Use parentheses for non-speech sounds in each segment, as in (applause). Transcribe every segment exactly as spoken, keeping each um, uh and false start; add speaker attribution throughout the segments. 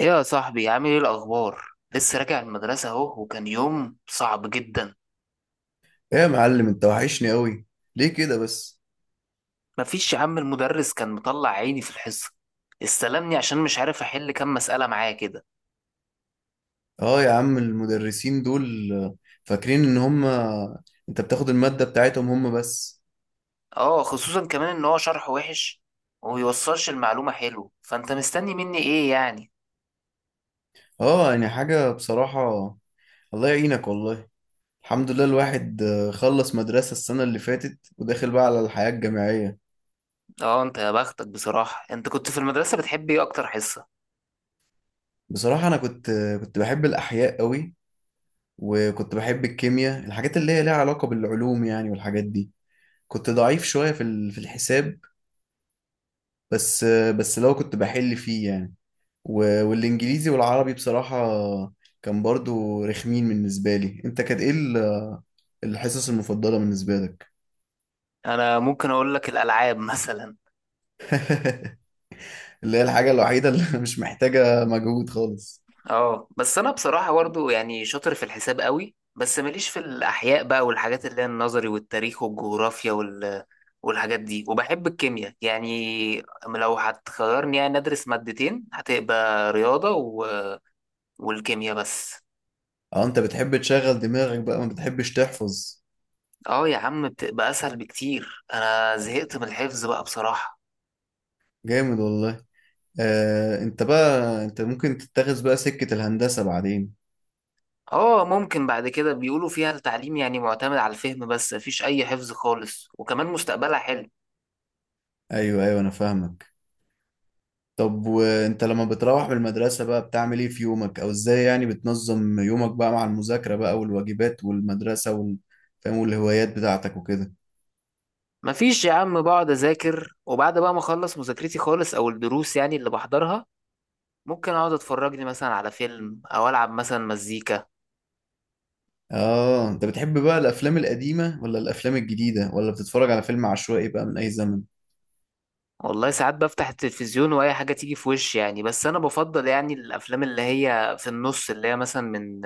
Speaker 1: ايه يا صاحبي، عامل ايه الاخبار؟ لسه راجع المدرسه اهو، وكان يوم صعب جدا.
Speaker 2: ايه يا معلم، انت وحشني قوي. ليه كده بس؟
Speaker 1: مفيش يا عم، المدرس كان مطلع عيني في الحصه. استلمني عشان مش عارف احل كام مساله معاه كده.
Speaker 2: اه يا عم، المدرسين دول آه، فاكرين ان هم انت بتاخد المادة بتاعتهم هم بس.
Speaker 1: اه، خصوصا كمان ان هو شرحه وحش وميوصلش المعلومه حلو، فانت مستني مني ايه يعني؟
Speaker 2: اه يعني حاجة بصراحة. الله يعينك والله. الحمد لله، الواحد آه، خلص مدرسة السنة اللي فاتت، وداخل بقى على الحياة الجامعية.
Speaker 1: اه انت يا بختك بصراحه، انت كنت في المدرسه بتحب ايه اكتر حصه؟
Speaker 2: بصراحة انا كنت آه، كنت بحب الاحياء قوي، وكنت بحب الكيمياء، الحاجات اللي هي ليها علاقة بالعلوم يعني، والحاجات دي. كنت ضعيف شوية في ال- في الحساب، بس آه، بس لو كنت بحل فيه يعني. و- والانجليزي والعربي بصراحة كان برضو رخمين بالنسبة لي. انت كانت ايه ال- الحصص المفضلة بالنسبة لك؟
Speaker 1: انا ممكن اقول لك الالعاب (laughs) مثلا.
Speaker 2: (laughs) اللي هي الحاجة الوحيدة اللي (laughs) مش محتاجة مجهود خالص.
Speaker 1: اه بس انا بصراحه برضو يعني شاطر في الحساب قوي، بس ماليش في الاحياء بقى والحاجات اللي هي النظري والتاريخ والجغرافيا وال... والحاجات دي، وبحب الكيمياء. يعني لو هتخيرني يعني ادرس مادتين، هتبقى رياضه و... والكيمياء بس.
Speaker 2: اه، انت بتحب تشغل دماغك بقى، ما بتحبش تحفظ.
Speaker 1: اه يا عم، بتبقى اسهل بكتير، انا زهقت من الحفظ بقى بصراحه.
Speaker 2: جامد والله. آه، انت بقى انت ممكن تتخذ بقى سكة الهندسة بعدين.
Speaker 1: اه ممكن بعد كده، بيقولوا فيها التعليم يعني معتمد على الفهم بس، مفيش اي حفظ خالص، وكمان مستقبلها حلو.
Speaker 2: ايوه ايوه، انا فاهمك. طب وانت لما بتروح من المدرسة بقى بتعمل ايه في يومك، او ازاي يعني بتنظم يومك بقى مع المذاكرة بقى والواجبات والمدرسة وال... فاهم، والهوايات بتاعتك وكده؟
Speaker 1: مفيش يا عم، بقعد اذاكر وبعد بقى ما اخلص مذاكرتي خالص او الدروس يعني اللي بحضرها، ممكن اقعد اتفرج لي مثلا على فيلم او العب مثلا مزيكا.
Speaker 2: اه، انت بتحب بقى الافلام القديمة ولا الافلام الجديدة، ولا بتتفرج على فيلم عشوائي بقى من اي زمن؟
Speaker 1: والله ساعات بفتح التلفزيون واي حاجه تيجي في وشي يعني، بس انا بفضل يعني الافلام اللي هي في النص، اللي هي مثلا من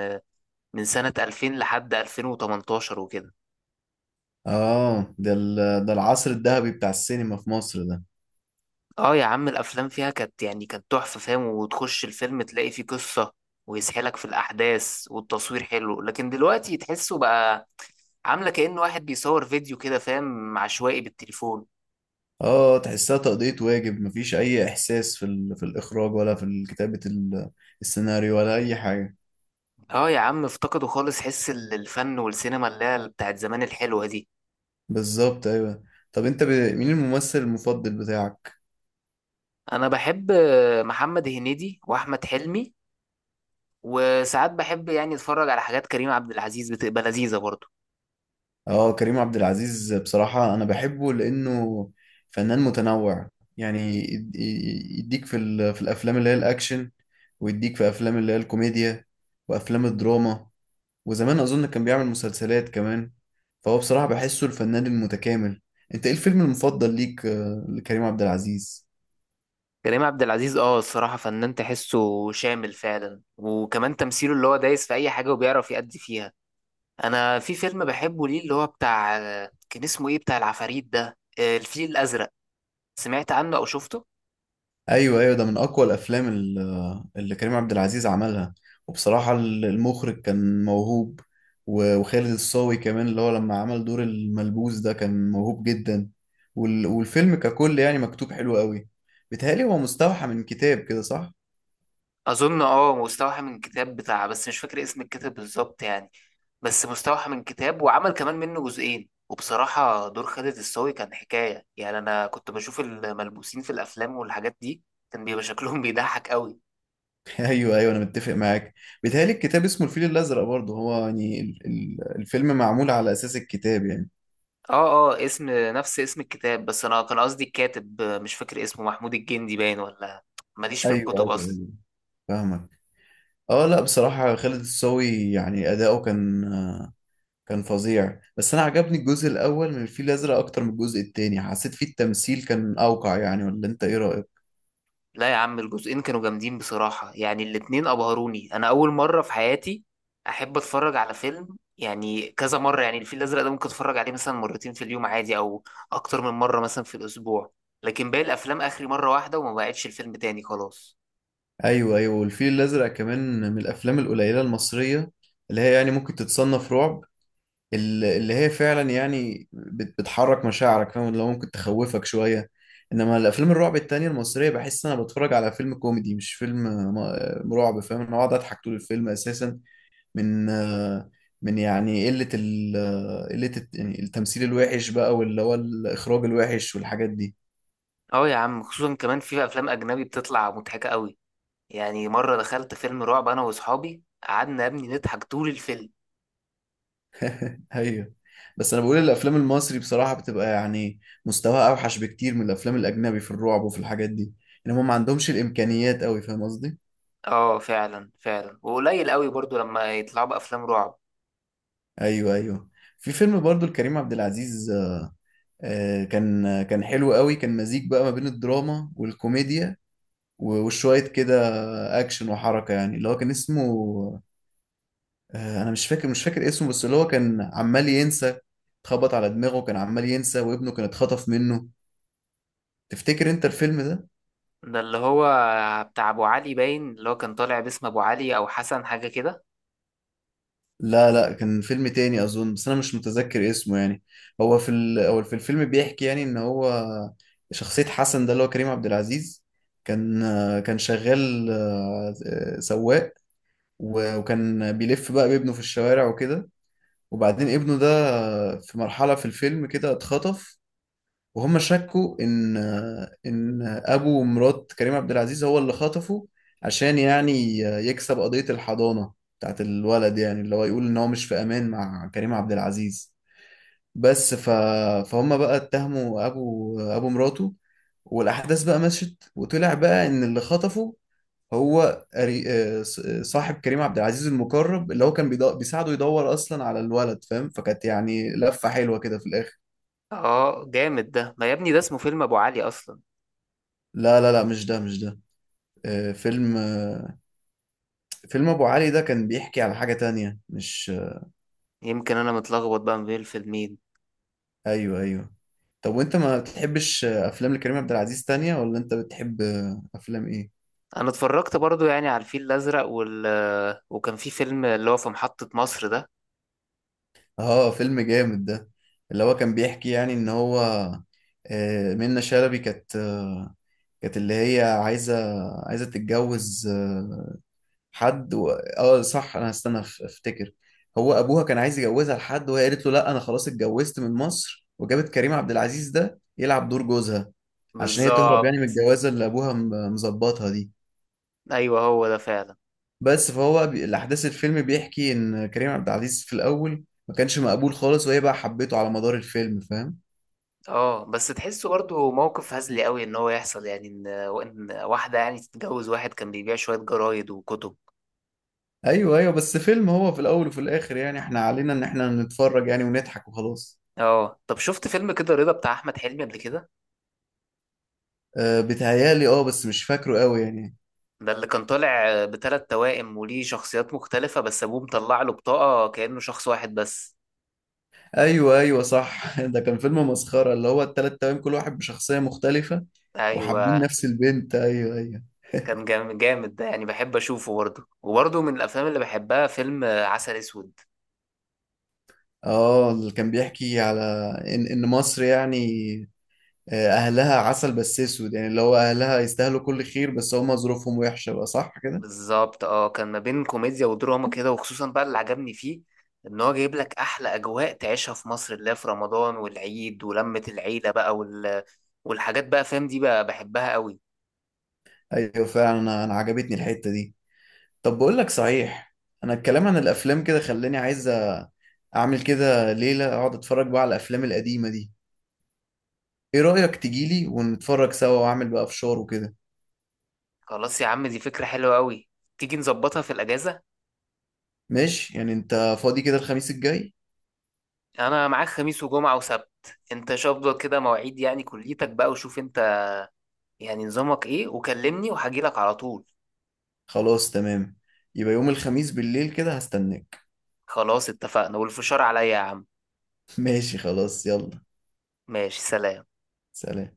Speaker 1: من سنه ألفين لحد ألفين وتمنتاشر وكده.
Speaker 2: اه، ده ال... ده العصر الذهبي بتاع السينما في مصر ده.
Speaker 1: اه يا عم، الافلام فيها كانت يعني كانت تحفه، فاهم؟ وتخش الفيلم تلاقي فيه قصه ويسحلك في الاحداث، والتصوير حلو. لكن دلوقتي تحسه بقى عامله كأنه واحد بيصور فيديو كده، فاهم، عشوائي بالتليفون.
Speaker 2: اه، تحسها تقضية واجب، مفيش اي احساس في ال... في الاخراج ولا في كتابة ال... السيناريو ولا اي حاجة.
Speaker 1: اه يا عم، افتقدوا خالص حس ال- الفن والسينما اللي هي بتاعت زمان الحلوه دي.
Speaker 2: بالظبط، ايوه. طب انت ب... مين الممثل المفضل بتاعك؟
Speaker 1: انا بحب آه، محمد هنيدي واحمد حلمي، وساعات بحب يعني اتفرج على حاجات كريم عبد العزيز، بتبقى لذيذه برضه.
Speaker 2: اه، كريم عبد العزيز بصراحة أنا بحبه لأنه فنان متنوع. يعني يد- ي- يديك في ال- في الأفلام اللي هي الأكشن، ويديك في أفلام اللي هي الكوميديا، وأفلام الدراما. وزمان أظن كان بيعمل مسلسلات كمان. فهو بصراحة بحسه الفنان المتكامل. أنت إيه الفيلم المفضل ليك آه، لكريم عبد العزيز؟
Speaker 1: كريم عبد العزيز اه الصراحه فنان تحسه شامل فعلا، وكمان تمثيله اللي هو دايس في اي حاجه وبيعرف يأدي فيها. انا في فيلم بحبه ليه، اللي هو بتاع آه، كان اسمه ايه، بتاع العفاريت ده، آه، الفيل الازرق. سمعت عنه او شفته؟
Speaker 2: ايوه ايوه، ده من اقوى الافلام ال- اللي كريم عبد العزيز عملها. وبصراحه ال- المخرج كان موهوب، و- وخالد الصاوي كمان، اللي هو لما عمل دور الملبوس ده كان موهوب جدا. وال- والفيلم ككل يعني مكتوب حلو قوي. بيتهيألي هو مستوحى من كتاب كده، صح؟
Speaker 1: اظن اه مستوحى من كتاب بتاع، بس مش فاكر اسم الكتاب بالظبط يعني. بس مستوحى من كتاب، وعمل كمان منه جزئين. وبصراحة دور خالد الصاوي كان حكاية يعني. انا كنت بشوف الملبوسين في الافلام والحاجات دي، كان بيبقى شكلهم (laughs) بيضحك قوي.
Speaker 2: (laughs) ايوه ايوه، انا متفق معاك. بيتهيألي الكتاب اسمه الفيل الازرق برضه، هو يعني ال- ال- الفيلم معمول على اساس الكتاب يعني.
Speaker 1: اه اه، اسم نفس اسم الكتاب، بس انا كان قصدي الكاتب مش فاكر اسمه، محمود الجندي باين ولا، ماليش في
Speaker 2: ايوه
Speaker 1: الكتب
Speaker 2: ايوه
Speaker 1: اصلا.
Speaker 2: ايوه، فاهمك. اه لا، بصراحه خالد الصاوي يعني اداؤه كان كان فظيع. بس انا عجبني الجزء الاول من الفيل الازرق اكتر من الجزء التاني، حسيت فيه التمثيل كان اوقع يعني. ولا انت ايه رايك؟
Speaker 1: لا يا عم، الجزئين كانوا جامدين بصراحة يعني، الاتنين أبهروني. أنا أول مرة في حياتي أحب أتفرج على فيلم يعني كذا مرة. يعني الفيل الأزرق ده ممكن أتفرج عليه مثلا مرتين في اليوم عادي، أو أكتر من مرة مثلا في الأسبوع. لكن باقي الأفلام آخري مرة واحدة وما بقعدش الفيلم تاني خلاص.
Speaker 2: ايوه ايوه، والفيل الازرق كمان من الافلام القليله المصريه اللي هي يعني ممكن تتصنف رعب، ال- اللي هي فعلا يعني بت- بتحرك مشاعرك، فاهم؟ اللي هو ممكن تخوفك شويه. انما الافلام الرعب التانية المصريه بحس ان انا بتفرج على فيلم كوميدي مش فيلم م- رعب، فاهم؟ انا اقعد اضحك طول الفيلم اساسا، من آه، من يعني قلة ال آه، قلة الت- يعني التمثيل الوحش بقى، واللي هو الإخراج الوحش والحاجات دي.
Speaker 1: أه يا عم، خصوصا كمان في أفلام أجنبي بتطلع مضحكة قوي. يعني مرة دخلت فيلم رعب أنا وأصحابي، قعدنا يا ابني نضحك طول الفيلم.
Speaker 2: (laughs) أيوه، بس أنا بقول الأفلام المصري بصراحة بتبقى يعني مستواها أوحش بكتير من الأفلام الأجنبي في الرعب وفي الحاجات دي. إن هم ما عندهمش الإمكانيات أوي، فاهم قصدي؟
Speaker 1: أه فعلا فعلا، وقليل قوي برضو لما يطلعوا بأفلام رعب.
Speaker 2: أيوه أيوه، في فيلم برضو لكريم عبد العزيز آه، كان آه، كان حلو قوي، كان مزيج بقى ما بين الدراما والكوميديا، و- وشوية كده أكشن وحركة يعني، اللي هو كان اسمه آه، انا مش فاكر مش فاكر اسمه، بس اللي هو كان عمال ينسى، اتخبط على دماغه كان عمال ينسى، وابنه كان اتخطف منه. تفتكر انت الفيلم ده؟
Speaker 1: ده اللي هو بتاع ابو علي باين، اللي هو كان طالع باسم ابو علي او حسن حاجه كده.
Speaker 2: لا لا، كان فيلم تاني اظن، بس انا مش متذكر اسمه يعني. هو في ال... هو في الفيلم بيحكي يعني ان هو شخصية حسن ده اللي هو كريم عبد العزيز كان آه، كان شغال آه، آه، سواق، و- وكان بيلف بقى بابنه في الشوارع وكده. وبعدين ابنه ده آه، في مرحلة في الفيلم كده اتخطف، وهم شكوا ان ان ابو مرات كريم عبد العزيز هو اللي خطفه، عشان يعني يكسب قضية الحضانة بتاعت الولد، يعني اللي هو يقول ان هو مش في امان مع كريم عبد العزيز. بس ف... فهم بقى اتهموا ابو ابو مراته، والاحداث بقى مشت، وطلع بقى ان اللي خطفه هو قري- آه، ص- آه، صاحب كريم عبد العزيز المقرب، اللي هو كان بيدو... بيساعده يدور اصلا على الولد، فاهم؟ فكانت يعني لفة حلوة كده في الاخر.
Speaker 1: اه جامد ده، ما يا ابني ده اسمه فيلم ابو علي اصلا.
Speaker 2: لا لا لا، مش ده مش ده. آه، فيلم آه، فيلم ابو علي ده كان بيحكي على حاجة تانية، مش آه،
Speaker 1: يمكن انا متلخبط بقى ما بين الفيلمين.
Speaker 2: ايوه ايوه. طب وانت ما بتحبش آه، افلام لكريم عبد العزيز تانية، ولا انت بتحب آه، افلام ايه؟
Speaker 1: انا اتفرجت برضو يعني على الفيل الازرق، وال آه، وكان في فيلم اللي هو في محطة مصر ده.
Speaker 2: اه فيلم جامد ده. اللي هو كان بيحكي يعني ان هو آه، منة شلبي كانت آه، كانت اللي هي عايزة عايزة تتجوز آه، حد و... اه صح، انا هستنى أف- افتكر. هو ابوها كان عايز يجوزها لحد، وهي قالت له لا، انا خلاص اتجوزت، من مصر، وجابت كريم عبد العزيز ده يلعب دور جوزها عشان هي تهرب يعني من
Speaker 1: بالظبط،
Speaker 2: الجوازه اللي ابوها م- مظبطها دي.
Speaker 1: ايوه هو ده فعلا.
Speaker 2: بس فهو بي... الاحداث الفيلم بيحكي ان كريم عبد العزيز في الاول ما كانش مقبول خالص، وهي بقى حبيته على مدار الفيلم، فاهم؟
Speaker 1: اه بس تحسه برضو موقف هزلي قوي، ان هو يحصل يعني ان، إن واحده يعني تتجوز واحد كان بيبيع شويه جرايد وكتب.
Speaker 2: ايوه ايوه، بس فيلم هو في الاول وفي الاخر يعني احنا علينا ان احنا نتفرج يعني ونضحك وخلاص.
Speaker 1: اه طب، شفت فيلم كده رضا بتاع احمد حلمي قبل كده؟
Speaker 2: أه بيتهيألي اه، بس مش فاكره قوي يعني.
Speaker 1: ده اللي كان طالع بثلاث توائم، وليه شخصيات مختلفة، بس أبوه مطلع له بطاقة كأنه شخص واحد بس.
Speaker 2: ايوه ايوه صح، (laughs) ده كان فيلم مسخره، اللي هو التلات توام كل واحد بشخصيه مختلفه، وحابين
Speaker 1: أيوة.
Speaker 2: نفس البنت. ايوه ايوه.
Speaker 1: كان جام- جامد ده يعني، بحب أشوفه برضه. وبرضه من الأفلام اللي بحبها فيلم آه، عسل أسود.
Speaker 2: اه اللي كان بيحكي على ان ان مصر يعني آه، اهلها عسل بس اسود، يعني اللي هو اهلها يستاهلوا كل خير بس هم ظروفهم وحشه بقى، صح كده؟
Speaker 1: بالظبط، اه كان ما بين كوميديا ودراما كده. وخصوصا بقى اللي عجبني فيه، إن هو جايب لك أحلى أجواء تعيشها في مصر، اللي هي في رمضان والعيد ولمة العيلة بقى وال... والحاجات بقى، فاهم، دي بقى بحبها قوي.
Speaker 2: ايوه فعلا، انا أنا عجبتني الحته دي. طب بقول لك صحيح، انا الكلام عن الافلام كده خلاني عايز أ- اعمل كده ليله اقعد اتفرج بقى على الافلام القديمه دي. ايه رايك تجيلي ونتفرج سوا، واعمل بقى فشار وكده؟
Speaker 1: خلاص يا عم، دي فكرة حلوة قوي. تيجي نظبطها في الأجازة.
Speaker 2: ماشي، يعني انت فاضي كده الخميس الجاي؟
Speaker 1: انا معاك خميس وجمعة وسبت، انت شوف كده مواعيد يعني كليتك بقى، وشوف انت يعني نظامك ايه، وكلمني وهجيلك على طول.
Speaker 2: خلاص تمام، يبقى يوم الخميس بالليل كده هستناك.
Speaker 1: خلاص اتفقنا، والفشار عليا يا عم.
Speaker 2: (laughs) ماشي خلاص، يلا
Speaker 1: ماشي، سلام.
Speaker 2: سلام.